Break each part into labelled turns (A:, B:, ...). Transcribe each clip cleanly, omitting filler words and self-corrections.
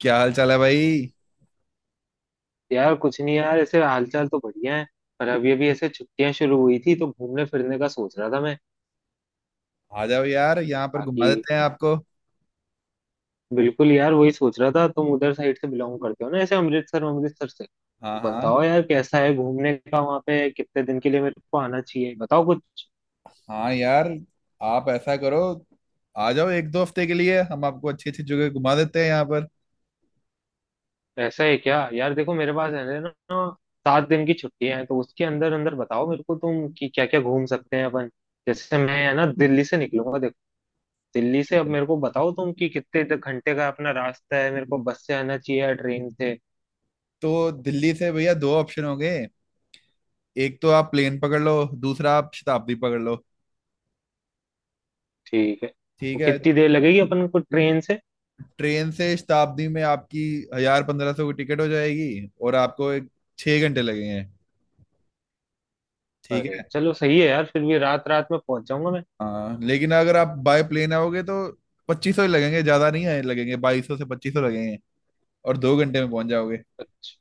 A: क्या हाल चाल है भाई।
B: यार कुछ नहीं यार, ऐसे हालचाल तो बढ़िया है। पर अब ये भी ऐसे छुट्टियां शुरू हुई थी तो घूमने फिरने का सोच रहा था मैं।
A: आ जाओ यार, यहाँ पर
B: बाकी
A: घुमा देते हैं आपको।
B: बिल्कुल यार वही सोच रहा था। तुम उधर साइड से बिलोंग करते हो ना ऐसे अमृतसर अमृतसर से, तो
A: हाँ हाँ
B: बताओ यार कैसा है घूमने का वहाँ पे। कितने दिन के लिए मेरे को आना चाहिए बताओ कुछ।
A: हाँ यार, आप ऐसा करो, आ जाओ। 1-2 हफ्ते के लिए हम आपको अच्छी अच्छी जगह घुमा देते हैं यहाँ पर।
B: ऐसा है क्या यार। देखो मेरे पास है ना 7 दिन की छुट्टियां हैं, तो उसके अंदर अंदर बताओ मेरे को तुम कि क्या क्या घूम सकते हैं अपन। जैसे मैं है ना दिल्ली से निकलूंगा। दिल्ली से अब मेरे को बताओ तुम कि कितने घंटे का अपना रास्ता है। मेरे को बस से आना चाहिए या ट्रेन से।
A: तो दिल्ली से भैया दो ऑप्शन हो गए। एक तो आप प्लेन पकड़ लो, दूसरा आप शताब्दी पकड़ लो।
B: ठीक है, तो
A: ठीक है,
B: कितनी देर लगेगी अपन को ट्रेन से।
A: ट्रेन से शताब्दी में आपकी 1000-1500 की टिकट हो जाएगी, और आपको एक 6 घंटे लगेंगे। ठीक
B: अरे
A: है।
B: चलो सही है यार, फिर भी रात रात में पहुंच जाऊंगा मैं।
A: हाँ लेकिन अगर आप बाय प्लेन आओगे तो 2500 ही लगेंगे, ज्यादा नहीं है, लगेंगे 2200 से 2500 लगेंगे, और 2 घंटे में पहुंच जाओगे।
B: अच्छा।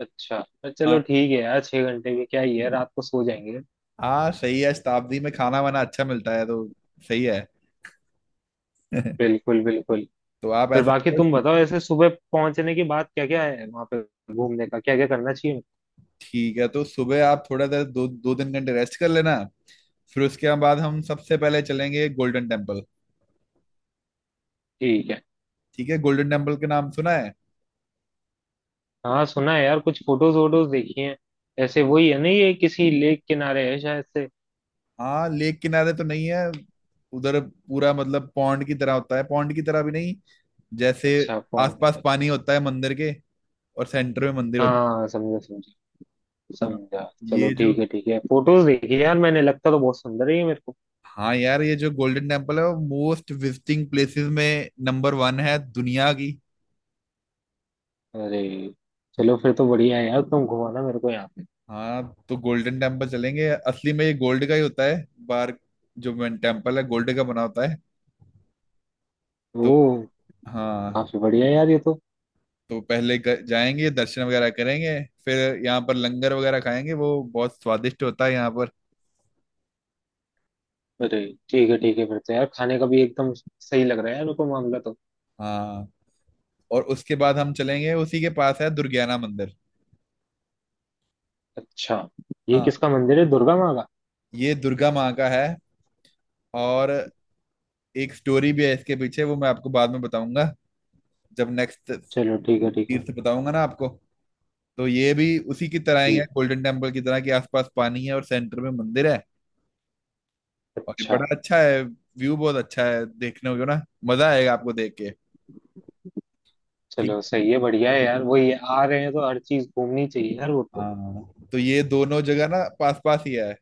B: अच्छा पर चलो
A: हाँ
B: ठीक है यार, 6 घंटे भी क्या ही है, रात को सो जाएंगे।
A: हाँ, सही है, शताब्दी में खाना वाना अच्छा मिलता है तो। सही है।
B: बिल्कुल बिल्कुल।
A: तो आप
B: फिर
A: ऐसा
B: बाकी
A: करो।
B: तुम बताओ ऐसे सुबह पहुंचने के बाद क्या क्या है वहां पे। घूमने का क्या क्या करना चाहिए।
A: ठीक है, तो सुबह आप थोड़ा देर 2-3 घंटे रेस्ट कर लेना, फिर उसके बाद हम सबसे पहले चलेंगे गोल्डन टेम्पल।
B: ठीक है।
A: ठीक है, गोल्डन टेम्पल के नाम सुना है।
B: हाँ सुना है यार, कुछ फोटोज वोटोज देखी हैं। ऐसे वही है ना, ये किसी लेक किनारे है शायद से।
A: हाँ लेक किनारे तो नहीं है। उधर पूरा मतलब पॉन्ड की तरह होता है, पॉन्ड की तरह भी नहीं, जैसे
B: अच्छा। फोन।
A: आसपास पानी होता है मंदिर के, और सेंटर में मंदिर होता
B: हाँ समझा समझा।
A: है। हाँ।
B: समझा। चलो
A: ये जो
B: ठीक है ठीक है। फोटोज देखी यार मैंने, लगता तो बहुत सुंदर ही है मेरे को।
A: हाँ यार, ये जो गोल्डन टेम्पल है वो मोस्ट विजिटिंग प्लेसेस में नंबर 1 है दुनिया की।
B: अरे। चलो फिर तो बढ़िया है यार, तुम घुमाना मेरे को यहाँ पे।
A: हाँ तो गोल्डन टेम्पल चलेंगे। असली में ये गोल्ड का ही होता है बाहर, जो मेन टेम्पल है गोल्ड का बना होता है। तो
B: ओ।
A: हाँ।
B: काफी बढ़िया है यार ये तो।
A: तो पहले जाएंगे दर्शन वगैरह करेंगे, फिर यहाँ पर लंगर वगैरह खाएंगे, वो बहुत स्वादिष्ट होता है यहाँ पर।
B: अरे। ठीक है ठीक है, फिर तो यार खाने का भी एकदम सही लग रहा है यार मेरे को मामला तो।
A: हाँ, और उसके बाद हम चलेंगे उसी के पास है दुर्गियाना मंदिर।
B: अच्छा। ये
A: हाँ,
B: किसका मंदिर है, दुर्गा माँ का।
A: ये दुर्गा माँ का है, और एक स्टोरी भी है इसके पीछे, वो मैं आपको बाद में बताऊंगा, जब नेक्स्ट तीर्थ
B: चलो ठीक है ठीक है।
A: बताऊंगा ना आपको। तो ये भी उसी की तरह ही है,
B: ठीक।
A: गोल्डन टेम्पल की तरह के आसपास पानी है और सेंटर में मंदिर है। और ये
B: अच्छा।
A: बड़ा अच्छा है, व्यू बहुत अच्छा है देखने को ना, मजा आएगा आपको देख के। ठीक
B: चलो
A: है।
B: सही है, बढ़िया है यार, वही है, आ रहे हैं तो हर चीज घूमनी चाहिए यार वो तो।
A: हाँ तो ये दोनों जगह ना पास पास ही है,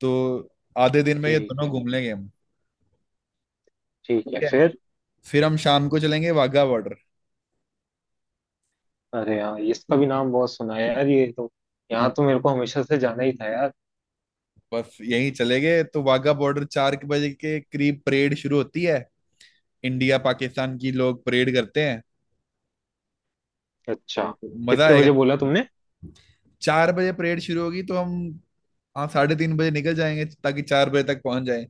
A: तो आधे दिन में ये
B: ठीक
A: दोनों
B: है।
A: घूम लेंगे हम।
B: ठीक है
A: ठीक है।
B: फिर।
A: फिर हम शाम को चलेंगे वाघा बॉर्डर।
B: अरे यार इसका भी नाम बहुत सुना है यार ये तो। यहाँ
A: हाँ,
B: तो मेरे को हमेशा से जाना ही था यार।
A: बस यहीं चले गए तो। वाघा बॉर्डर चार के बजे के करीब परेड शुरू होती है। इंडिया पाकिस्तान की लोग परेड करते हैं,
B: अच्छा।
A: तो मजा
B: कितने
A: आएगा।
B: बजे बोला तुमने।
A: 4 बजे परेड शुरू होगी तो हम। हाँ, 3:30 बजे निकल जाएंगे ताकि 4 बजे तक पहुंच जाए।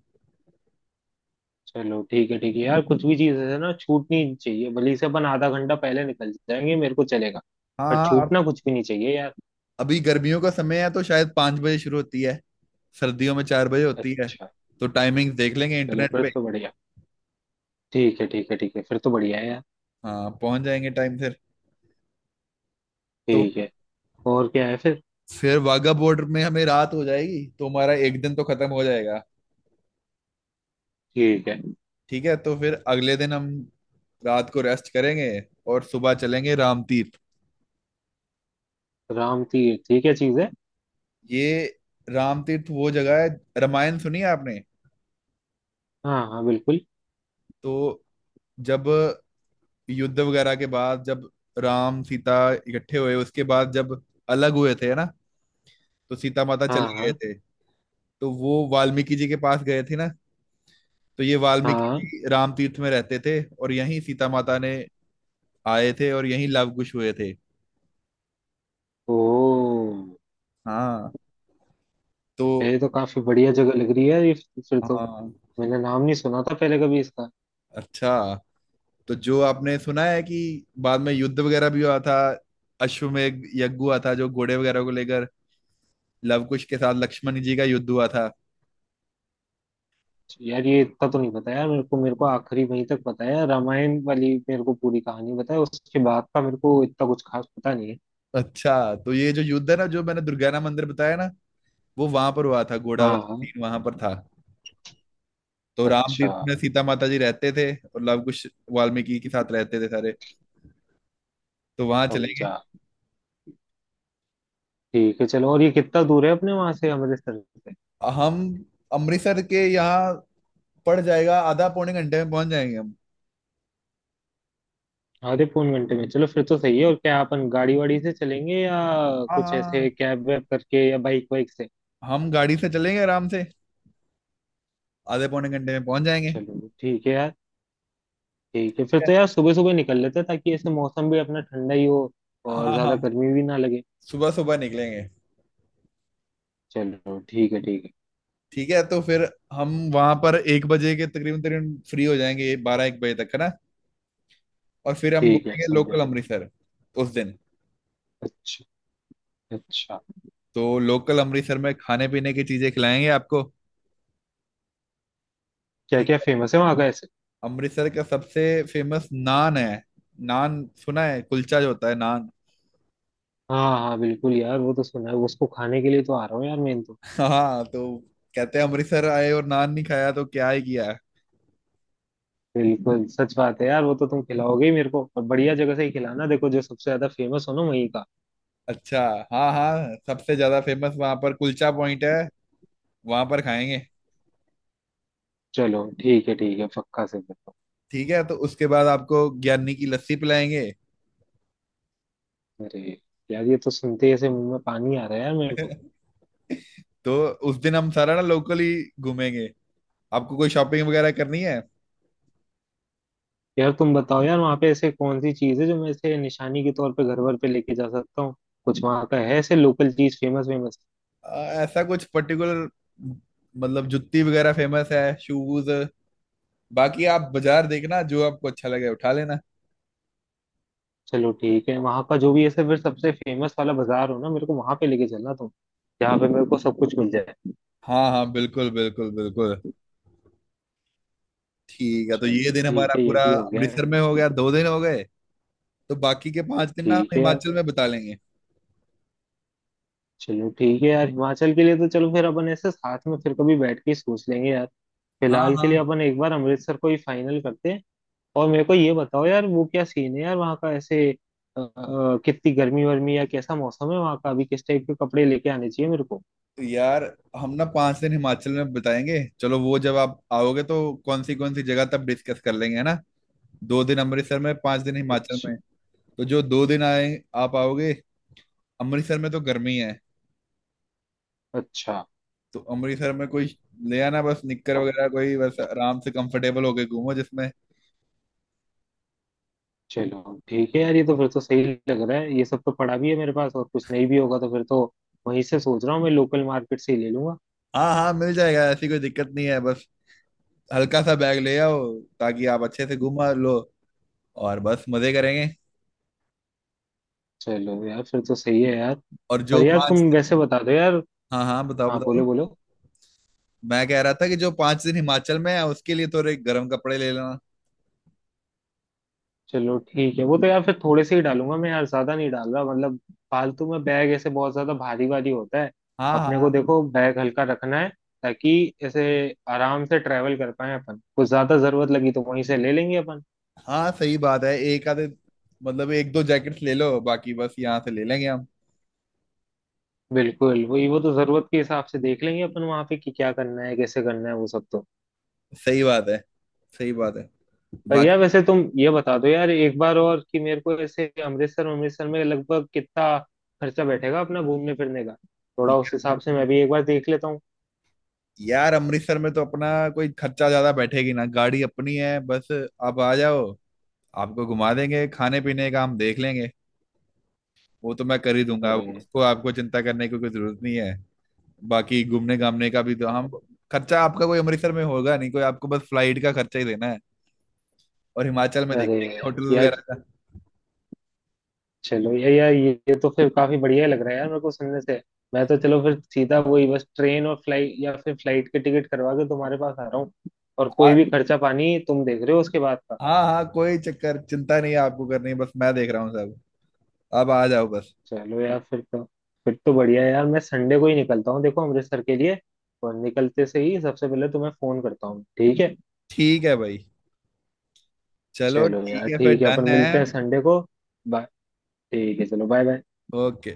B: चलो ठीक है यार, कुछ भी चीज है ना छूटनी चाहिए, भले से अपन आधा घंटा पहले निकल जाएंगे मेरे को चलेगा।
A: हाँ
B: पर
A: हाँ, अब
B: छूटना कुछ भी नहीं चाहिए यार।
A: अभी गर्मियों का समय है तो शायद 5 बजे शुरू होती है, सर्दियों में 4 बजे होती है।
B: अच्छा।
A: तो टाइमिंग देख लेंगे
B: चलो
A: इंटरनेट
B: फिर
A: पे।
B: तो बढ़िया। ठीक है ठीक है ठीक है, फिर तो बढ़िया है यार।
A: हाँ, पहुंच जाएंगे टाइम से। तो
B: ठीक है। और क्या है फिर।
A: फिर वाघा बॉर्डर में हमें रात हो जाएगी, तो हमारा 1 दिन तो खत्म हो जाएगा।
B: ठीक है।
A: ठीक है, तो फिर अगले दिन हम रात को रेस्ट करेंगे और सुबह चलेंगे राम तीर्थ।
B: राम तीर्थ ये क्या चीज है।
A: ये राम तीर्थ वो जगह है। रामायण सुनी है आपने।
B: हाँ हाँ बिल्कुल।
A: तो जब युद्ध वगैरह के बाद, जब राम सीता इकट्ठे हुए उसके बाद जब अलग हुए थे ना, तो सीता माता चले
B: हाँ
A: गए
B: हाँ।
A: थे, तो वो वाल्मीकि जी के पास गए थे ना, तो ये वाल्मीकि
B: हाँ।
A: जी राम तीर्थ में रहते थे और यहीं सीता माता ने आए थे और यहीं लव कुश हुए थे।
B: ओ।
A: हाँ। तो
B: ये तो काफी बढ़िया जगह लग रही है ये फिर तो।
A: हाँ।
B: मैंने नाम नहीं सुना था पहले कभी इसका।
A: अच्छा, तो जो आपने सुना है कि बाद में युद्ध वगैरह भी हुआ था, अश्वमेध यज्ञ हुआ था, जो घोड़े वगैरह को लेकर लवकुश के साथ लक्ष्मण जी का युद्ध हुआ था।
B: यार ये इतना तो नहीं पता यार, मेरे को आखिरी वहीं तक पता है, रामायण वाली मेरे को पूरी कहानी पता है, उसके बाद का मेरे को इतना कुछ खास पता नहीं है।
A: अच्छा, तो ये जो युद्ध है ना, जो मैंने दुर्गाना मंदिर बताया ना, वो वहां पर हुआ था, घोड़ा
B: हाँ
A: वाला
B: हाँ।
A: सीन वहां पर था। तो राम
B: अच्छा।
A: तीर्थ में सीता माता जी रहते थे और लव कुश वाल्मीकि के साथ रहते थे सारे। तो वहां चलेंगे।
B: समझा। ठीक है चलो, और ये कितना दूर है अपने वहां से अमृतसर से।
A: हम अमृतसर के यहाँ पड़ जाएगा। आधा पौने घंटे में पहुंच जाएंगे हम।
B: आधे पौन घंटे में, चलो फिर तो सही है। और क्या अपन गाड़ी वाड़ी से चलेंगे या
A: हाँ
B: कुछ ऐसे
A: हाँ।
B: कैब वैब करके या बाइक वाइक से।
A: हाँ। हम गाड़ी से चलेंगे आराम से, आधे पौने घंटे में पहुंच जाएंगे। ठीक
B: चलो ठीक है यार। ठीक है फिर तो
A: है।
B: यार, सुबह सुबह निकल लेते हैं ताकि ऐसे मौसम भी अपना ठंडा ही हो
A: हाँ
B: और
A: हाँ
B: ज्यादा
A: हाँ,
B: गर्मी भी ना लगे।
A: सुबह सुबह निकलेंगे।
B: चलो ठीक है ठीक है।
A: ठीक है, तो फिर हम वहां पर 1 बजे के तकरीबन तकरीबन फ्री हो जाएंगे, 12-1 बजे तक, है ना, और फिर हम
B: ठीक है
A: घूमेंगे
B: समझा।
A: लोकल अमृतसर उस दिन।
B: अच्छा। अच्छा।
A: तो लोकल अमृतसर में खाने पीने की चीजें खिलाएंगे आपको।
B: क्या
A: ठीक
B: क्या
A: है,
B: फेमस है वहाँ का ऐसे।
A: अमृतसर का सबसे फेमस नान है। नान सुना है, कुलचा जो होता है नान।
B: हाँ हाँ बिल्कुल यार, वो तो सुना है, उसको खाने के लिए तो आ रहा हूँ यार मैं तो।
A: हाँ, तो कहते हैं अमृतसर आए और नान नहीं खाया तो क्या ही किया।
B: बिल्कुल सच बात है यार, वो तो तुम खिलाओगे ही मेरे को, और बढ़िया जगह से ही खिलाना, देखो जो सबसे ज्यादा फेमस हो ना वहीं का।
A: अच्छा, हाँ हाँ, सबसे ज्यादा फेमस वहां पर कुलचा पॉइंट है, वहां पर खाएंगे।
B: चलो ठीक है ठीक है, पक्का से बताओ।
A: ठीक है, तो उसके बाद आपको ज्ञानी की लस्सी पिलाएंगे।
B: अरे। यार ये तो सुनते ही ऐसे मुंह में पानी आ रहा है यार मेरे तो।
A: तो उस दिन हम सारा ना लोकली घूमेंगे। आपको कोई शॉपिंग वगैरह करनी है।
B: यार तुम बताओ यार, वहाँ पे ऐसे कौन सी चीज है जो मैं ऐसे निशानी के तौर पे घर भर पे लेके जा सकता हूँ। कुछ वहाँ का है ऐसे लोकल चीज फेमस वेमस।
A: ऐसा कुछ पर्टिकुलर, मतलब जुत्ती वगैरह फेमस है, शूज। बाकी आप बाजार देखना, जो आपको अच्छा लगे उठा लेना।
B: चलो ठीक है, वहां का जो भी ऐसे फिर सबसे फेमस वाला बाजार हो ना, मेरे को वहां पे लेके चलना तुम। जहाँ पे मेरे को सब कुछ मिल जाए।
A: हाँ हाँ, बिल्कुल बिल्कुल बिल्कुल। ठीक है, तो
B: चलो
A: ये दिन
B: ठीक
A: हमारा
B: है, ये
A: पूरा
B: भी हो गया है।
A: अमृतसर में हो गया, 2 दिन हो गए। तो बाकी के 5 दिन ना हम
B: ठीक है यार।
A: हिमाचल में बिता लेंगे।
B: चलो ठीक है यार, हिमाचल के लिए तो चलो फिर अपन ऐसे साथ में फिर कभी बैठ के ही सोच लेंगे यार।
A: हाँ
B: फिलहाल के
A: हाँ।
B: लिए अपन एक बार अमृतसर को ही फाइनल करते हैं। और मेरे को ये बताओ यार, वो क्या सीन है यार वहाँ का ऐसे। कितनी गर्मी वर्मी या कैसा मौसम है वहाँ का अभी, किस टाइप के कपड़े लेके आने चाहिए मेरे को।
A: तो यार, हम ना 5 दिन हिमाचल में बिताएंगे, चलो वो जब आप आओगे तो कौन सी जगह तब डिस्कस कर लेंगे, है ना। 2 दिन अमृतसर में, 5 दिन हिमाचल
B: अच्छा।
A: में। तो जो 2 दिन आए, आप आओगे अमृतसर में तो गर्मी है,
B: अच्छा।
A: तो अमृतसर में कोई ले आना बस, निक्कर वगैरह कोई, बस आराम से कंफर्टेबल होके घूमो जिसमें।
B: चलो ठीक है यार, ये तो फिर तो सही लग रहा है, ये सब तो पड़ा भी है मेरे पास, और कुछ नहीं भी होगा तो फिर तो वहीं से सोच रहा हूँ मैं, लोकल मार्केट से ही ले लूंगा।
A: हाँ हाँ, मिल जाएगा, ऐसी कोई दिक्कत नहीं है, बस हल्का सा बैग ले आओ, ताकि आप अच्छे से घुमा लो, और बस मजे करेंगे।
B: चलो यार फिर तो सही है यार।
A: और
B: पर
A: जो
B: यार तुम
A: 5 दिन।
B: वैसे बता दो यार।
A: हाँ हाँ, बताओ
B: हाँ
A: बताओ।
B: बोलो बोलो।
A: मैं कह रहा था कि जो 5 दिन हिमाचल में है उसके लिए थोड़े गर्म कपड़े ले लेना।
B: चलो ठीक है, वो तो यार फिर थोड़े से ही डालूंगा मैं यार, ज्यादा नहीं डाल रहा, मतलब फालतू में बैग ऐसे बहुत ज्यादा भारी भारी होता है।
A: हाँ
B: अपने को
A: हाँ
B: देखो बैग हल्का रखना है, ताकि ऐसे आराम से ट्रेवल कर पाए अपन, कुछ ज्यादा जरूरत लगी तो वहीं से ले लेंगे अपन।
A: हाँ, सही बात है, एक आधे, मतलब 1-2 जैकेट्स ले लो, बाकी बस यहाँ से ले लेंगे हम।
B: बिल्कुल वही, वो तो जरूरत के हिसाब से देख लेंगे अपन वहां पे कि क्या करना है कैसे करना है वो सब तो।
A: सही बात है, सही बात है।
B: पर
A: बाकी
B: यार वैसे तुम ये बता दो यार एक बार और, कि मेरे को ऐसे अमृतसर अमृतसर में लगभग कितना खर्चा बैठेगा अपना घूमने फिरने का। थोड़ा उस हिसाब से मैं भी एक बार देख लेता हूँ।
A: यार अमृतसर में तो अपना कोई खर्चा ज्यादा बैठेगी ना, गाड़ी अपनी है, बस आप आ जाओ, आपको घुमा देंगे, खाने पीने का हम देख लेंगे, वो तो मैं कर ही दूंगा।
B: अरे।
A: उसको आपको चिंता करने की कोई जरूरत नहीं है। बाकी घूमने घामने का भी तो हम, खर्चा आपका कोई अमृतसर में होगा नहीं कोई, आपको बस फ्लाइट का खर्चा ही देना है, और हिमाचल में देख
B: अरे
A: लेंगे होटल
B: यार।
A: वगैरह का।
B: चलो यार यार, ये तो फिर काफी बढ़िया लग रहा है यार मेरे को सुनने से। मैं तो चलो फिर सीधा वही बस ट्रेन और फ्लाइट, या फिर फ्लाइट के टिकट करवा के तुम्हारे पास आ रहा हूँ। और कोई
A: आ-
B: भी खर्चा पानी तुम देख रहे हो उसके बाद का।
A: हाँ हाँ, कोई चक्कर चिंता नहीं है आपको करनी, बस मैं देख रहा हूँ सब, आप आ जाओ बस।
B: चलो यार फिर तो बढ़िया है यार, मैं संडे को ही निकलता हूँ देखो अमृतसर के लिए। और निकलते से ही सबसे पहले तुम्हें फोन करता हूँ, ठीक है।
A: ठीक है भाई, चलो
B: चलो
A: ठीक
B: यार
A: है फिर,
B: ठीक है,
A: डन
B: अपन
A: है।
B: मिलते हैं संडे को। बाय। ठीक है चलो, बाय बाय।
A: ओके।